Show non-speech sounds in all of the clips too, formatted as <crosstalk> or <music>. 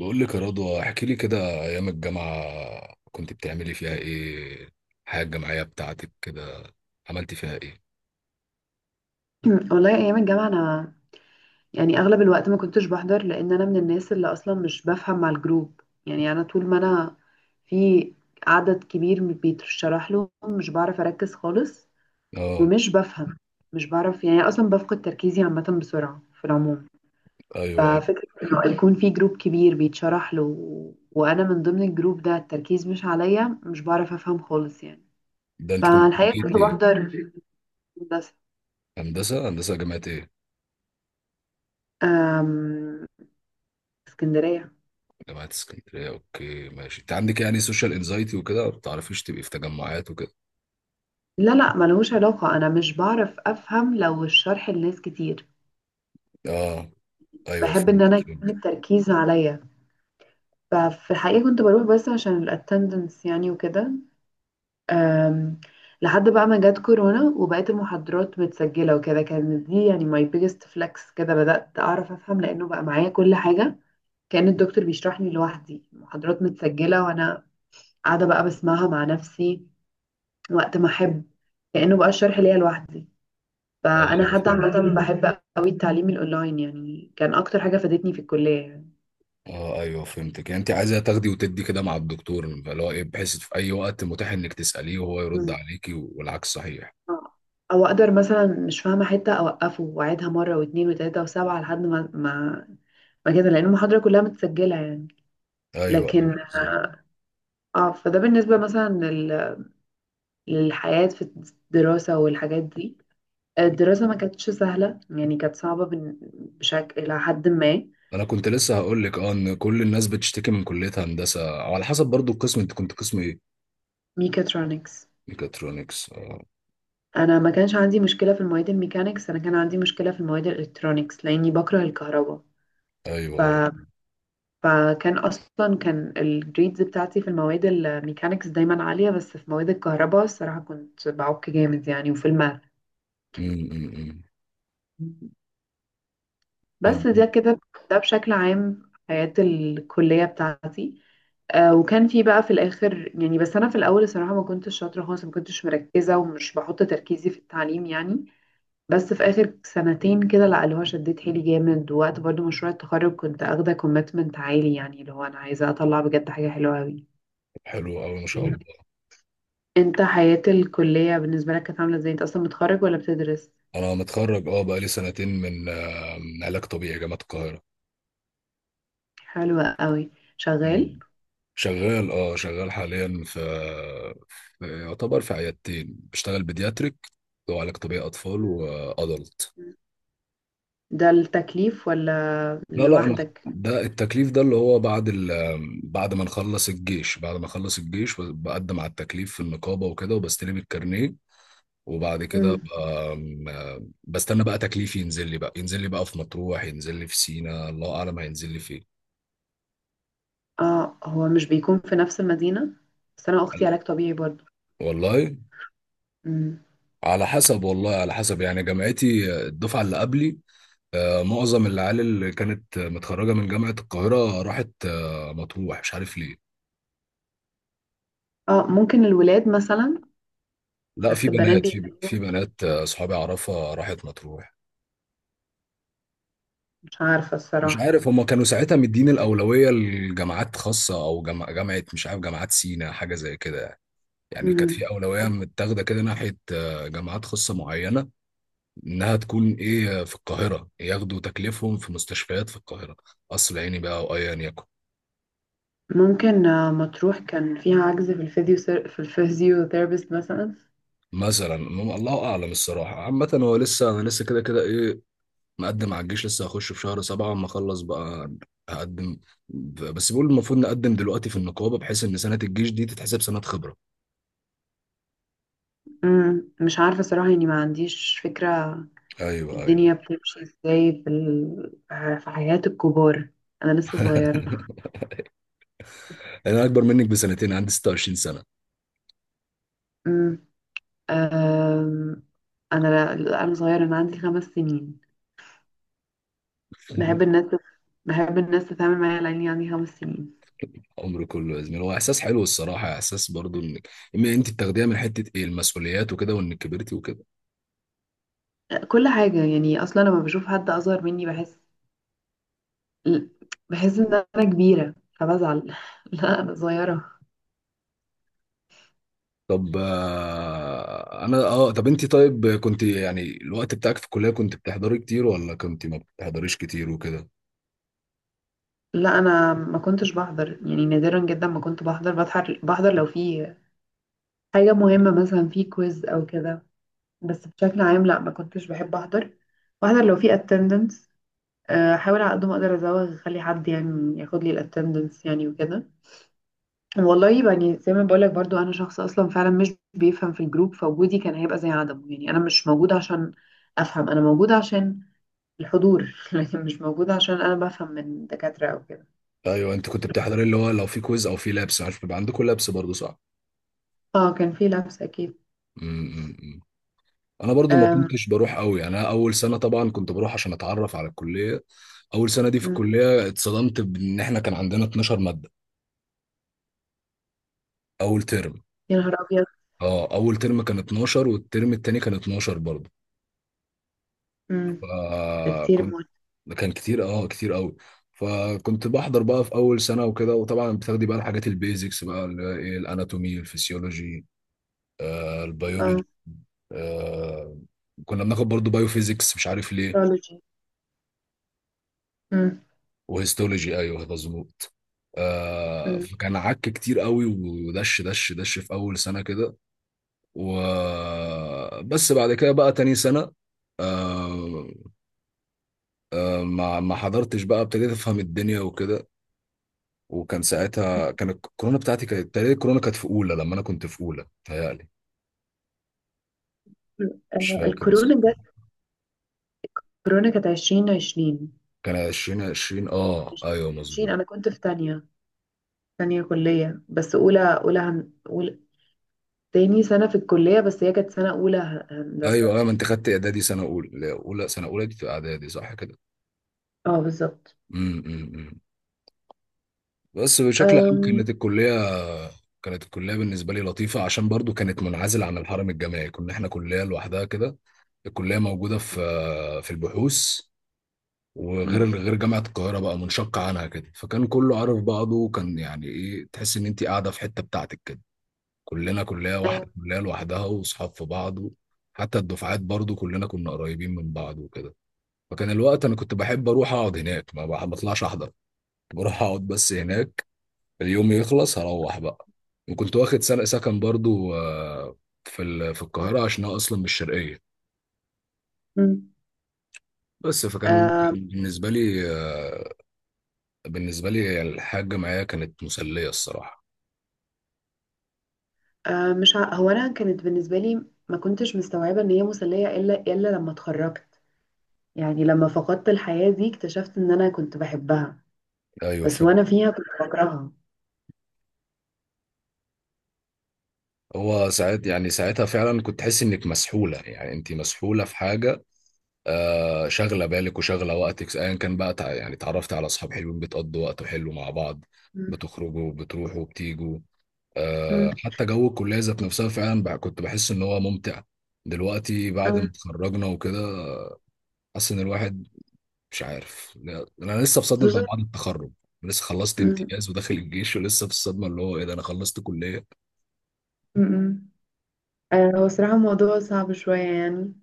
بقول لك يا رضوى، احكي لي كده، ايام الجامعه كنت بتعملي فيها ايه؟ الحياه الجامعيه بتاعتك كده عملتي فيها ايه؟ <clears throat> والله ايام الجامعه انا، يعني اغلب الوقت ما كنتش بحضر لان انا من الناس اللي اصلا مش بفهم مع الجروب. يعني انا طول ما انا في عدد كبير بيتشرح له مش بعرف اركز خالص، اه، ومش بفهم، مش بعرف يعني اصلا بفقد تركيزي عامه بسرعه في العموم. ايوه، أيوة. ففكره انه يكون في جروب كبير بيتشرح له وانا من ضمن الجروب ده، التركيز مش عليا، مش بعرف افهم خالص يعني. ده انت كنت فالحقيقه كليه كنت ايه؟ بحضر هندسه. هندسه، هندسه، جامعه ايه؟ أم، اسكندريه. جامعه اسكندريه، اوكي ماشي. انت عندك يعني سوشيال انزايتي وكده، ما بتعرفيش تبقي في تجمعات وكده؟ لا لا، ملهوش علاقة، أنا مش بعرف أفهم لو الشرح لناس كتير. اه، ايوه، بحب إن فهمت أنا يكون فهمت. التركيز عليا. ففي الحقيقة كنت بروح بس عشان الاتندنس يعني وكده. أم، لحد بقى ما جت كورونا وبقيت المحاضرات متسجلة وكده، كانت دي يعني my biggest flex. كده بدأت أعرف أفهم لأنه بقى معايا كل حاجة، كأن الدكتور بيشرحني لوحدي، المحاضرات متسجلة وأنا قاعدة بقى بسمعها مع نفسي وقت ما أحب، كأنه بقى الشرح ليا لوحدي. اه، فانا حتى فهمت. عامه بحب قوي التعليم الاونلاين، يعني كان اكتر حاجه فادتني في الكليه يعني. اه، ايوه، فهمتك. يعني انت عايزه تاخدي وتدي كده مع الدكتور، اللي هو ايه، بحيث في اي وقت متاح انك تساليه وهو يرد مم. عليكي والعكس صحيح. آه. او اقدر مثلا مش فاهمه حته اوقفه واعيدها مره واثنين وثلاثه وسبعه لحد ما ما كده، لان المحاضره كلها متسجله يعني. ايوه، ايوه، لكن بالظبط. اه، فده بالنسبه مثلا للحياه في الدراسه والحاجات دي. الدراسه ما كانتش سهله، يعني كانت صعبه بشكل الى حد ما. انا كنت لسه هقول لك، اه، ان كل الناس بتشتكي من كليه هندسه، او على حسب برضو القسم. انت كنت قسم ايه؟ ميكاترونكس. ميكاترونكس، اه. انا ما كانش عندي مشكله في المواد الميكانيكس، انا كان عندي مشكله في المواد الالكترونيكس لاني بكره الكهرباء. ايوه، ف... اه. فكان اصلا كان الجريدز بتاعتي في المواد الميكانيكس دايما عاليه، بس في مواد الكهرباء الصراحه كنت بعك جامد يعني، وفي الماث. أمم، أمم، أمم. طب بس ده كده، ده بشكل عام حياه الكليه بتاعتي. آه، وكان في بقى في الاخر يعني، بس انا في الاول الصراحه ما كنتش شاطره خالص، ما كنتش مركزه ومش بحط تركيزي في التعليم يعني. بس في اخر سنتين كده لا، اللي هو شديت حيلي جامد. ووقت برضو مشروع التخرج كنت اخده كوميتمنت عالي، يعني اللي هو انا عايزه اطلع بجد حاجه حلوه قوي. حلو قوي، ما شاء الله. انت حياه الكليه بالنسبه لك كانت عامله ازاي؟ انت اصلا متخرج ولا بتدرس؟ انا متخرج، اه، بقالي سنتين من من علاج طبيعي، جامعه القاهره. حلوه قوي. شغال. أمم. شغال حاليا في يعتبر في عيادتين، بشتغل بيدياتريك، اللي هو علاج طبيعي اطفال مم. وادلت. ده التكليف ولا لا، لا، انا لوحدك؟ ده التكليف. ده اللي هو بعد بعد ما نخلص الجيش بعد ما اخلص الجيش بقدم على التكليف في النقابه وكده، وبستلم الكارنيه. وبعد كده مم. بقى- بستنى بقى تكليفي ينزل لي بقى في مطروح، ينزل لي في سينا، الله اعلم هينزل لي فين. اه، هو مش بيكون في نفس المدينه؟ بس انا اختي علاج طبيعي برضو. والله مم. على حسب، والله على حسب، يعني جامعتي الدفعه اللي قبلي، معظم العيال اللي كانت متخرجه من جامعه القاهره راحت مطروح، مش عارف ليه. اه ممكن الولاد مثلا. لا في بس البنات بنات، بيبقى في بنات، صحابي اعرفها راحت مطروح. مش عارفه مش الصراحه. عارف هما كانوا ساعتها مدين الأولوية لجامعات خاصة، أو جامعة مش عارف، جامعات سينا، حاجة زي كده. يعني كانت مم. في أولوية متاخدة كده ناحية جامعات خاصة معينة، إنها تكون إيه في القاهرة ياخدوا تكليفهم في مستشفيات في القاهرة، قصر عيني بقى أو أيا يكن. ممكن آه، مطروح كان فيها عجز في الفيزيو، في الفيزيوثيرابيست مثلا. مثلا الله أعلم الصراحة. عامة هو لسه، أنا لسه كده كده إيه، مقدم على الجيش. لسه هخش في شهر سبعة، أما أخلص بقى هقدم. بس بيقول المفروض نقدم دلوقتي في النقابة، بحيث إن سنة الجيش دي تتحسب سنة خبرة. مم، مش عارفة صراحة يعني، ما عنديش فكرة. ايوه، ايوه. الدنيا بتمشي ازاي في في حياة الكبار؟ أنا لسه صغيرة. <laughs> انا اكبر منك بسنتين، عندي 26 سنه. مم، آم، أنا صغيرة، أنا عندي 5 سنين. بحب <laughs> الناس، بحب الناس تتعامل معايا على إني عندي 5 سنين. عمري كله يا زميلي، هو احساس حلو الصراحه، احساس برضو انك إما انت بتاخديها من حته، ايه، المسؤوليات وكده، وانك كبرتي وكده. كل حاجة يعني أصلا لما بشوف حد أصغر مني بحس إن أنا كبيرة، فبزعل. <laughs> لا أنا صغيرة. طب آه، انا اه طب انت طيب، كنت يعني الوقت بتاعك في الكليه كنت بتحضري كتير، ولا كنت ما بتحضريش كتير وكده؟ لا انا ما كنتش بحضر يعني، نادرا جدا ما كنت بحضر. بحضر لو في حاجه مهمه مثلا، في كويز او كده. بس بشكل عام لا، ما كنتش بحب احضر. بحضر لو في اتندنس، احاول على قد ما اقدر ازوغ، اخلي حد يعني ياخد لي الاتندنس يعني وكده. والله يعني زي ما بقولك برضو، انا شخص اصلا فعلا مش بيفهم في الجروب، فوجودي كان هيبقى زي عدمه يعني، انا مش موجوده عشان افهم، انا موجوده عشان الحضور. <laughs> لكن مش موجوده عشان انا بفهم من دكاتره او كده. ايوه، انت كنت بتحضري اللي هو لو في كويز، او في لابس. عارف بيبقى عندكم لابس برضو، صح؟ اه كان في لبس اكيد. امم. انا برضو ما أم، كنتش بروح قوي يعني. انا اول سنه طبعا كنت بروح عشان اتعرف على الكليه. اول سنه دي في مم. الكليه اتصدمت بان احنا كان عندنا 12 ماده اول ترم يا نهار أبيض. اه اول ترم كان 12، والترم التاني كان 12 برضو. مم. ده كتير فكنت موت. كان كتير قوي. فكنت بحضر بقى في اول سنه وكده، وطبعا بتاخدي بقى الحاجات البيزكس، بقى اللي هي ايه، الاناتومي، الفسيولوجي، اه البيولوجي، آه، كنا بناخد برضو بايو فيزيكس، مش عارف ليه، astrology. مم. وهيستولوجي، ايوه مظبوط. مم. فكان عك كتير قوي، ودش دش دش في اول سنه كده. وبس بعد كده بقى تاني سنه، آه ما حضرتش بقى، ابتديت افهم الدنيا وكده. وكان ساعتها كان الكورونا بتاعتي، كانت تقريبا الكورونا كانت في اولى، لما انا كنت في اولى تهيألي. مش آه، فاكر الكورونا بس، جت. الكورونا كانت 2020. كان 2020، اه عشرين ايوه، عشرين. مظبوط. أنا كنت في تانية، كلية، بس أولى، أولى تاني سنة في الكلية، بس هي كانت سنة أولى هندسة. ايوه، ايوه، ما انت خدت اعدادي سنه اولى دي في اعدادي، صح كده؟ اه بالظبط. امم، بس بشكل عام أم... كانت الكلية بالنسبة لي لطيفة، عشان برضو كانت منعزلة عن الحرم الجامعي، كنا احنا كلية لوحدها كده. الكلية موجودة في البحوث، وغير مم. غير جامعة القاهرة، بقى منشقة عنها كده. فكان كله عارف بعضه، وكان يعني ايه، تحس ان انت قاعدة في حتة بتاعتك كده. كلنا كلية أيوة. واحدة، كلية لوحدها، واصحاب في بعض. حتى الدفعات برضو كلنا كنا قريبين من بعض وكده. فكان الوقت انا كنت بحب اروح اقعد هناك، ما بح- بطلعش احضر، بروح اقعد بس هناك، اليوم يخلص هروح بقى. وكنت واخد سنة سكن برضو، في القاهرة، عشان أنا أصلا من الشرقية. مم. بس فكان آه، كان بالنسبة لي، بالنسبة لي الحاجة معايا كانت مسلية الصراحة. آه، مش ع... هو أنا كانت بالنسبة لي ما كنتش مستوعبة إن هي مسلية إلا لما اتخرجت. يعني لما فقدت الحياة دي اكتشفت إن أنا كنت بحبها. أيوة، بس فهمت. وانا فيها كنت بكرهها. هو ساعات يعني، ساعتها فعلا كنت تحس إنك مسحولة، يعني أنت مسحولة في حاجة، شاغله بالك وشاغله وقتك، ايا كان بقى، يعني اتعرفت على اصحاب حلوين، بتقضوا وقت حلو مع بعض، مم. بتخرجوا، بتروحوا وبتيجوا. مم. حتى جو الكليه ذات نفسها فعلا بقى كنت بحس ان هو ممتع. دلوقتي بعد ما مم. اتخرجنا وكده، حاسس ان الواحد مش عارف. لا، انا لسه في صدمه خصوصا. بعد التخرج. لسه خلصت مم. امتياز، وداخل الجيش، ولسه في الصدمه اللي هو ايه ده، انا خلصت كليه. مم. آه، هو صراحة الموضوع صعب شوية يعني،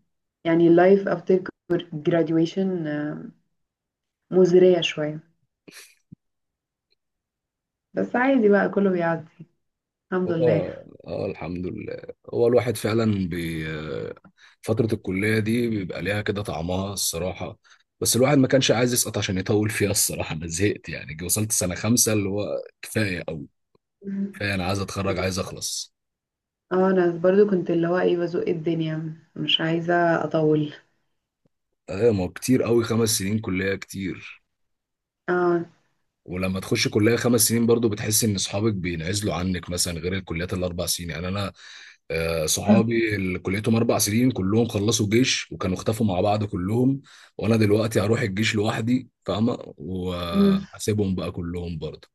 يعني life after graduation مزرية شوية. بس عادي بقى، كله بيعدي الحمد لله. اه، اه، الحمد لله. هو الواحد فعلا بي آه، فترة الكلية دي بيبقى ليها كده طعمها الصراحة. بس الواحد ما كانش عايز يسقط عشان يطول فيها الصراحة. أنا زهقت يعني، وصلت سنة خمسة اللي هو كفاية أوي. مم. كفاية، أنا عايز أتخرج، عايز بس- أخلص. اه انا برضو كنت اللي هو ايه بزق الدنيا، مش عايزة اطول. أيوة، ما هو كتير أوي، 5 سنين كلية كتير. اه. ولما تخش كلية 5 سنين برضو بتحس ان اصحابك بينعزلوا عنك، مثلا غير الكليات الاربع سنين، يعني انا صحابي اللي كليتهم 4 سنين كلهم خلصوا جيش، وكانوا اختفوا مع بعض كلهم. وانا دلوقتي هروح الجيش لوحدي، فاهمة، مم. واسيبهم بقى كلهم برضو.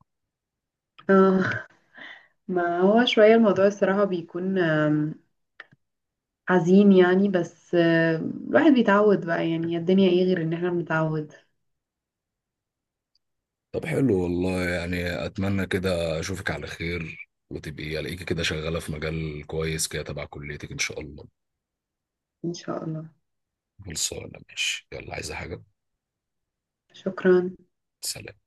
اه ما هو شوية الموضوع الصراحة بيكون حزين يعني. بس آه، الواحد بيتعود بقى. يعني الدنيا ايه غير ان احنا بنتعود. طب حلو والله، يعني اتمنى كده اشوفك على خير، وتبقي الاقيكي كده شغالة في مجال كويس كده، تبع كليتك ان شاء الله. ان شاء الله. خلصانة؟ ماشي، يلا. عايزة حاجة؟ شكرا. سلام.